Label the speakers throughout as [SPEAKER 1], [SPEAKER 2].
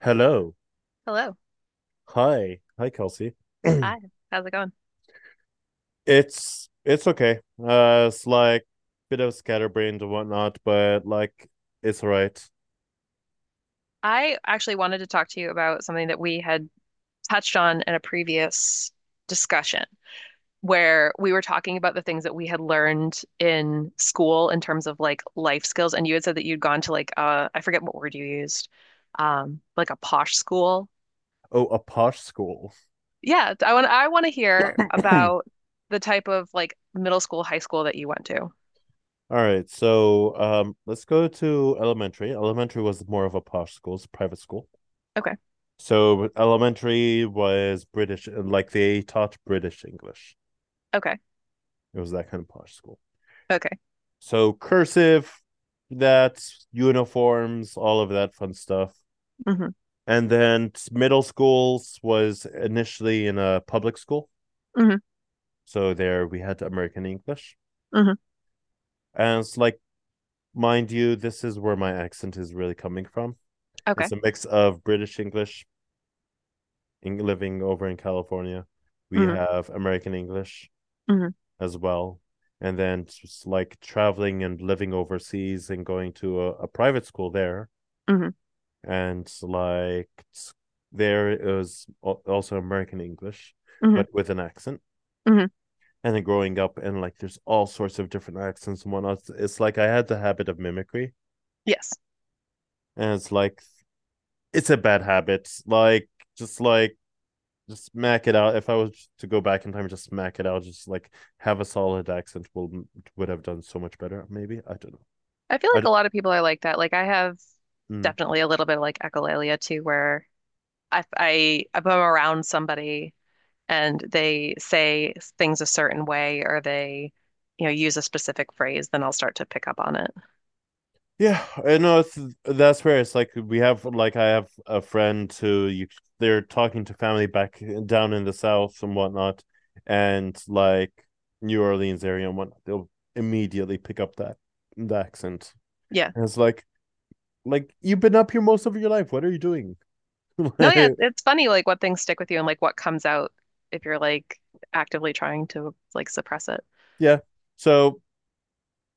[SPEAKER 1] Hello.
[SPEAKER 2] Hello.
[SPEAKER 1] Hi. Hi, Kelsey.
[SPEAKER 2] Hi. How's it going?
[SPEAKER 1] It's okay. It's like bit of scatterbrained and whatnot, but like it's all right.
[SPEAKER 2] I actually wanted to talk to you about something that we had touched on in a previous discussion where we were talking about the things that we had learned in school in terms of like life skills. And you had said that you'd gone to like I forget what word you used, like a posh school.
[SPEAKER 1] Oh, a posh school.
[SPEAKER 2] Yeah, I want to hear
[SPEAKER 1] All
[SPEAKER 2] about the type of like middle school, high school that you went to.
[SPEAKER 1] right, so let's go to elementary. Elementary was more of a posh school, it's a private school.
[SPEAKER 2] Okay.
[SPEAKER 1] So elementary was British and like they taught British English.
[SPEAKER 2] Okay.
[SPEAKER 1] It was that kind of posh school.
[SPEAKER 2] Okay.
[SPEAKER 1] So cursive, that's uniforms, all of that fun stuff.
[SPEAKER 2] Mm-hmm.
[SPEAKER 1] And then middle schools was initially in a public school,
[SPEAKER 2] Mm-hmm.
[SPEAKER 1] so there we had American English,
[SPEAKER 2] Mm-hmm.
[SPEAKER 1] and it's like, mind you, this is where my accent is really coming from. It's
[SPEAKER 2] Okay.
[SPEAKER 1] a mix of British English in, living over in California, we
[SPEAKER 2] Mm-hmm.
[SPEAKER 1] have American English
[SPEAKER 2] Mm-hmm.
[SPEAKER 1] as well, and then just like traveling and living overseas and going to a private school there,
[SPEAKER 2] Mm-hmm.
[SPEAKER 1] and like there is also American English
[SPEAKER 2] Mm-hmm.
[SPEAKER 1] but with an accent.
[SPEAKER 2] Mm-hmm.
[SPEAKER 1] And then growing up and like there's all sorts of different accents and whatnot. It's, like I had the habit of mimicry,
[SPEAKER 2] Yes.
[SPEAKER 1] and it's like it's a bad habit. Like just smack it out. If I was to go back in time, just smack it out. Just like have a solid accent will would have done so much better. Maybe I don't know.
[SPEAKER 2] I feel
[SPEAKER 1] I
[SPEAKER 2] like a
[SPEAKER 1] don't,
[SPEAKER 2] lot of people are like that. Like I have
[SPEAKER 1] mm,
[SPEAKER 2] definitely a little bit of like echolalia too, where I if I'm around somebody and they say things a certain way or they, you know, use a specific phrase, then I'll start to pick up on it.
[SPEAKER 1] Yeah, I know it's that's where it's like we have like I have a friend who you they're talking to family back down in the south and whatnot, and like New Orleans area and whatnot, they'll immediately pick up that the accent.
[SPEAKER 2] Yeah.
[SPEAKER 1] And it's like you've been up here most of your life. What are you doing?
[SPEAKER 2] No, yeah, it's funny like what things stick with you and like what comes out if you're like actively trying to like suppress it.
[SPEAKER 1] Yeah. So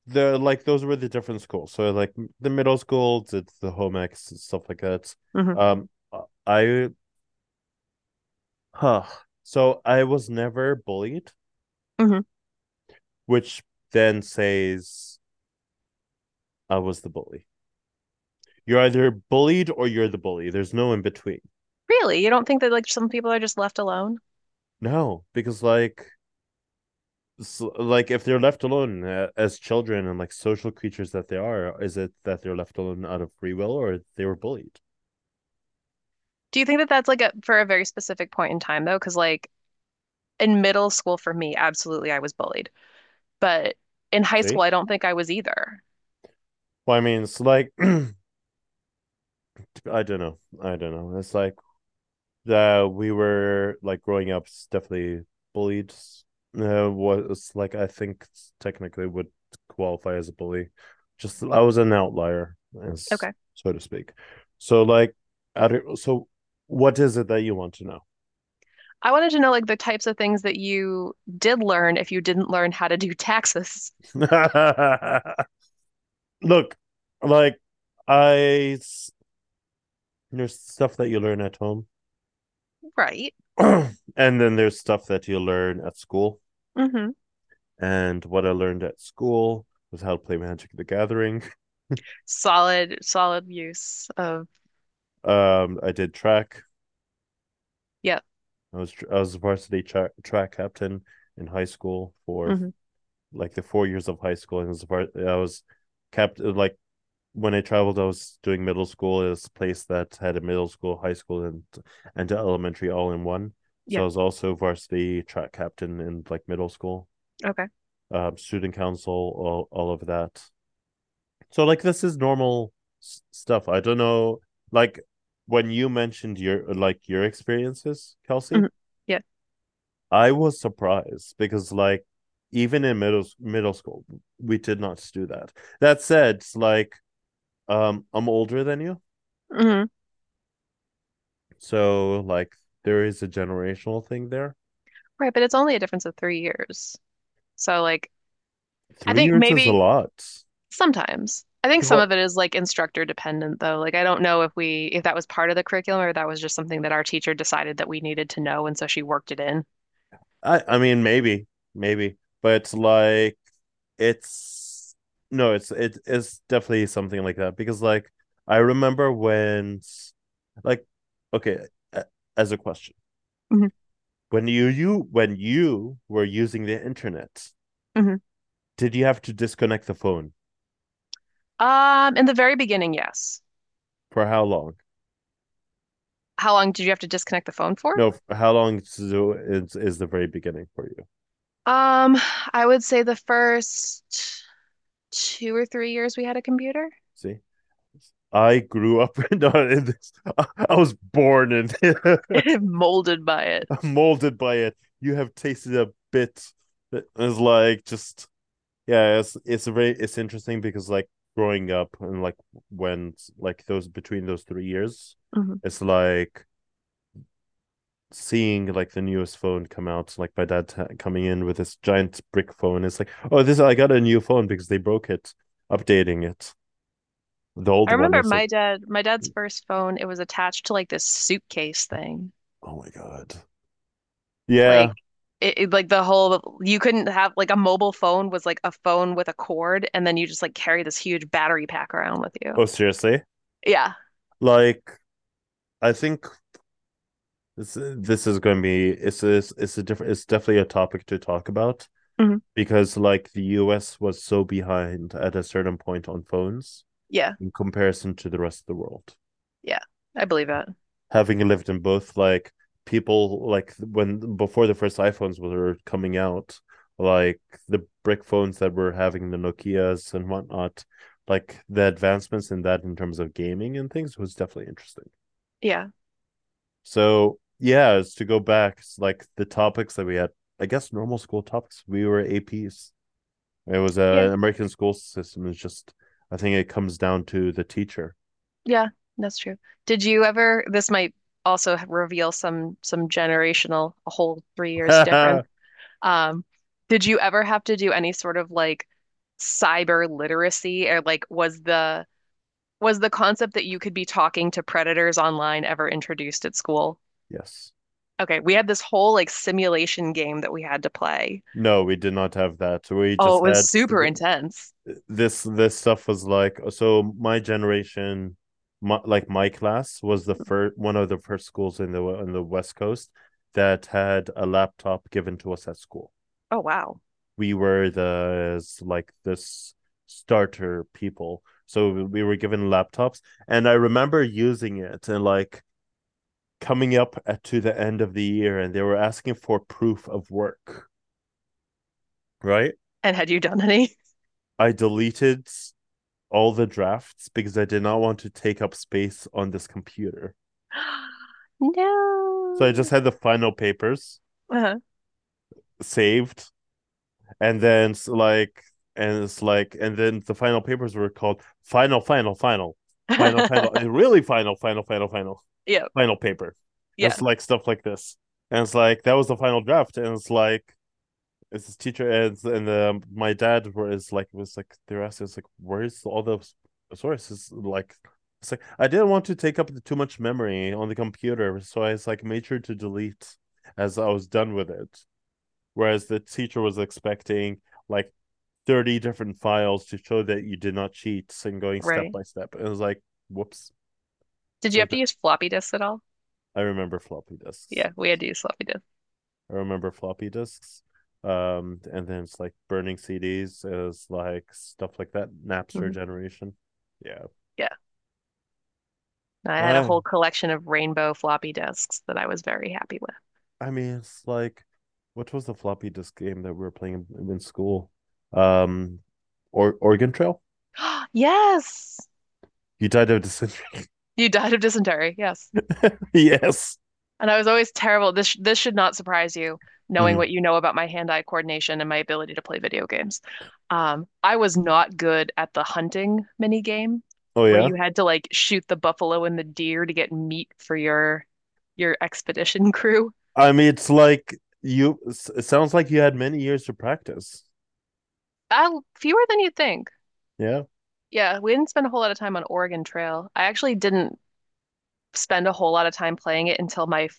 [SPEAKER 1] the like those were the different schools. So like the middle school did the home ex and stuff like that.
[SPEAKER 2] Hmm.
[SPEAKER 1] Um, I huh. So I was never bullied,
[SPEAKER 2] Hmm.
[SPEAKER 1] which then says I was the bully. You're either bullied or you're the bully. There's no in between.
[SPEAKER 2] Really? You don't think that like some people are just left alone?
[SPEAKER 1] No, because like if they're left alone as children and like social creatures that they are, is it that they're left alone out of free will or they were bullied?
[SPEAKER 2] Do you think that that's like a for a very specific point in time though? Because like in middle school for me, absolutely, I was bullied. But in high school,
[SPEAKER 1] See?
[SPEAKER 2] I don't think I was either.
[SPEAKER 1] Well, I mean, it's like I don't know. I don't know. It's like that we were like growing up definitely bullied, was like I think technically would qualify as a bully. Just I was an outlier, as
[SPEAKER 2] Okay.
[SPEAKER 1] so to speak. So like, I don't, so what is it that you want to
[SPEAKER 2] I wanted to know like the types of things that you did learn if you didn't learn how to do taxes.
[SPEAKER 1] know? Look, like I there's stuff that you learn at home,
[SPEAKER 2] Right.
[SPEAKER 1] and then there's stuff that you learn at school.
[SPEAKER 2] Mm-hmm.
[SPEAKER 1] And what I learned at school was how to play Magic the Gathering.
[SPEAKER 2] Solid, solid use of
[SPEAKER 1] I did track.
[SPEAKER 2] yeah.
[SPEAKER 1] I was varsity track captain in high school for
[SPEAKER 2] Hmm.
[SPEAKER 1] like the 4 years of high school, and was var- I was captain. Like when I traveled, I was doing middle school at a place that had a middle school, high school, and elementary all in one. So
[SPEAKER 2] Yeah.
[SPEAKER 1] I was also varsity track captain in like middle school,
[SPEAKER 2] Okay.
[SPEAKER 1] student council, all of that. So like this is normal s- stuff. I don't know, like when you mentioned your like your experiences, Kelsey,
[SPEAKER 2] Hmm. Yeah.
[SPEAKER 1] I was surprised because like even in middle school we did not do that. That said, like I'm older than you.
[SPEAKER 2] Hmm.
[SPEAKER 1] So like there is a generational thing there.
[SPEAKER 2] Right, but it's only a difference of 3 years. So like I
[SPEAKER 1] 3
[SPEAKER 2] think
[SPEAKER 1] years is a
[SPEAKER 2] maybe
[SPEAKER 1] lot.
[SPEAKER 2] sometimes. I think some
[SPEAKER 1] Well,
[SPEAKER 2] of it is like instructor dependent though. Like I don't know if that was part of the curriculum or that was just something that our teacher decided that we needed to know and so she worked it in.
[SPEAKER 1] I mean maybe maybe but it's like it's no it's it's definitely something like that because like I remember when like okay as a question.
[SPEAKER 2] Hmm.
[SPEAKER 1] When you when you were using the internet,
[SPEAKER 2] Hmm.
[SPEAKER 1] did you have to disconnect the phone
[SPEAKER 2] In the very beginning, yes.
[SPEAKER 1] for how long?
[SPEAKER 2] How long did you have to disconnect the phone for?
[SPEAKER 1] No, how long is the very beginning for you?
[SPEAKER 2] Um, I would say the first 2 or 3 years we had a computer,
[SPEAKER 1] See, I grew up in this. I, was born and
[SPEAKER 2] molded by it.
[SPEAKER 1] molded by it. You have tasted a bit. It's like just yeah. It's very it's interesting because like growing up and like when like those between those 3 years,
[SPEAKER 2] Hmm.
[SPEAKER 1] it's like seeing like the newest phone come out, like my dad t- coming in with this giant brick phone. It's like, oh, this I got a new phone because they broke it, updating it. The old
[SPEAKER 2] I
[SPEAKER 1] one
[SPEAKER 2] remember
[SPEAKER 1] is like,
[SPEAKER 2] my dad's first phone, it was attached to like this suitcase thing.
[SPEAKER 1] oh my god,
[SPEAKER 2] Like
[SPEAKER 1] yeah.
[SPEAKER 2] like the whole you couldn't have like a mobile phone was like a phone with a cord and then you just like carry this huge battery pack around with you.
[SPEAKER 1] Oh, seriously?
[SPEAKER 2] Yeah.
[SPEAKER 1] Like, I think this is going to be it's a different it's definitely a topic to talk about
[SPEAKER 2] Mhm.
[SPEAKER 1] because like the U.S. was so behind at a certain point on phones
[SPEAKER 2] Yeah.
[SPEAKER 1] in comparison to the rest of the world.
[SPEAKER 2] Yeah. I believe it.
[SPEAKER 1] Having lived in both like people like when before the first iPhones were coming out, like the brick phones that were having the Nokias and whatnot, like the advancements in that in terms of gaming and things was definitely interesting.
[SPEAKER 2] Yeah.
[SPEAKER 1] So yeah, it's to go back, it's like the topics that we had, I guess normal school topics. We were APs. It was
[SPEAKER 2] Yeah.
[SPEAKER 1] a American school system. It's just I think it comes down to the teacher.
[SPEAKER 2] Yeah. That's true. Did you ever this might also reveal some generational a whole three years difference.
[SPEAKER 1] Yes.
[SPEAKER 2] Um did you ever have to do any sort of like cyber literacy or like was the concept that you could be talking to predators online ever introduced at school? Okay, we had this whole like simulation game that we had to play.
[SPEAKER 1] No, we did not have that. We
[SPEAKER 2] Oh,
[SPEAKER 1] just
[SPEAKER 2] it was
[SPEAKER 1] had
[SPEAKER 2] super intense.
[SPEAKER 1] this stuff was like so my generation my, like my class was the first one of the first schools in the on the west coast that had a laptop given to us at school.
[SPEAKER 2] Oh, wow.
[SPEAKER 1] We were the like this starter people so we were given laptops, and I remember using it and like coming up at, to the end of the year, and they were asking for proof of work, right.
[SPEAKER 2] And had you done any?
[SPEAKER 1] I deleted all the drafts because I did not want to take up space on this computer. So I just
[SPEAKER 2] No.
[SPEAKER 1] had the final papers
[SPEAKER 2] Uh-huh.
[SPEAKER 1] saved, and then it's like, and then the final papers were called final, final, final, final, final, and really final, final, final, final,
[SPEAKER 2] Yeah,
[SPEAKER 1] final paper. And
[SPEAKER 2] yeah,
[SPEAKER 1] it's like stuff like this. And it's like that was the final draft. And it's like it's his teacher and my dad was like they were asking us like where's all the sources like it's like I didn't want to take up too much memory on the computer, so I was like made sure to delete as I was done with it. Whereas the teacher was expecting like 30 different files to show that you did not cheat and going step
[SPEAKER 2] right.
[SPEAKER 1] by step. And it was like, whoops.
[SPEAKER 2] Did you
[SPEAKER 1] So
[SPEAKER 2] have to
[SPEAKER 1] th-
[SPEAKER 2] use floppy disks at all?
[SPEAKER 1] I remember floppy disks.
[SPEAKER 2] Yeah, we
[SPEAKER 1] Yes.
[SPEAKER 2] had to use floppy disks.
[SPEAKER 1] I remember floppy disks. And then it's like burning CDs is like stuff like that. Napster
[SPEAKER 2] Hmm.
[SPEAKER 1] generation. Yeah.
[SPEAKER 2] Yeah. I had a
[SPEAKER 1] I
[SPEAKER 2] whole collection of rainbow floppy disks that I was very happy with.
[SPEAKER 1] I mean it's like what was the floppy disk game that we were playing in, school? Um or Oregon Trail?
[SPEAKER 2] Yes.
[SPEAKER 1] You died of dysentery.
[SPEAKER 2] You died of dysentery. Yes.
[SPEAKER 1] Yes.
[SPEAKER 2] And I was always terrible. This should not surprise you, knowing
[SPEAKER 1] Mhm.
[SPEAKER 2] what you know about my hand-eye coordination and my ability to play video games. I was not good at the hunting mini game
[SPEAKER 1] Oh
[SPEAKER 2] where
[SPEAKER 1] yeah.
[SPEAKER 2] you had to like shoot the buffalo and the deer to get meat for your expedition crew.
[SPEAKER 1] I mean it's like you it sounds like you had many years to practice.
[SPEAKER 2] Uh, fewer than you'd think.
[SPEAKER 1] Yeah.
[SPEAKER 2] Yeah, we didn't spend a whole lot of time on Oregon Trail. I actually didn't spend a whole lot of time playing it until my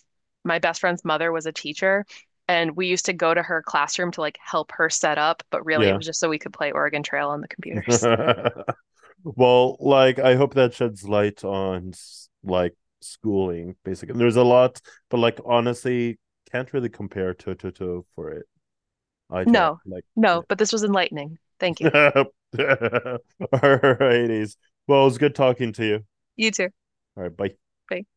[SPEAKER 2] my best friend's mother was a teacher and we used to go to her classroom to like help her set up, but really it
[SPEAKER 1] Yeah.
[SPEAKER 2] was just so we could play Oregon Trail on the computers.
[SPEAKER 1] Well, like I hope that sheds light on like schooling, basically. There's a lot, but like honestly, can't really compare toe to toe for it. Eye to eye,
[SPEAKER 2] No,
[SPEAKER 1] like.
[SPEAKER 2] no, but this was enlightening. Thank you.
[SPEAKER 1] Alrighties. Well, it was good talking to you.
[SPEAKER 2] You too.
[SPEAKER 1] All right, bye.
[SPEAKER 2] Thanks.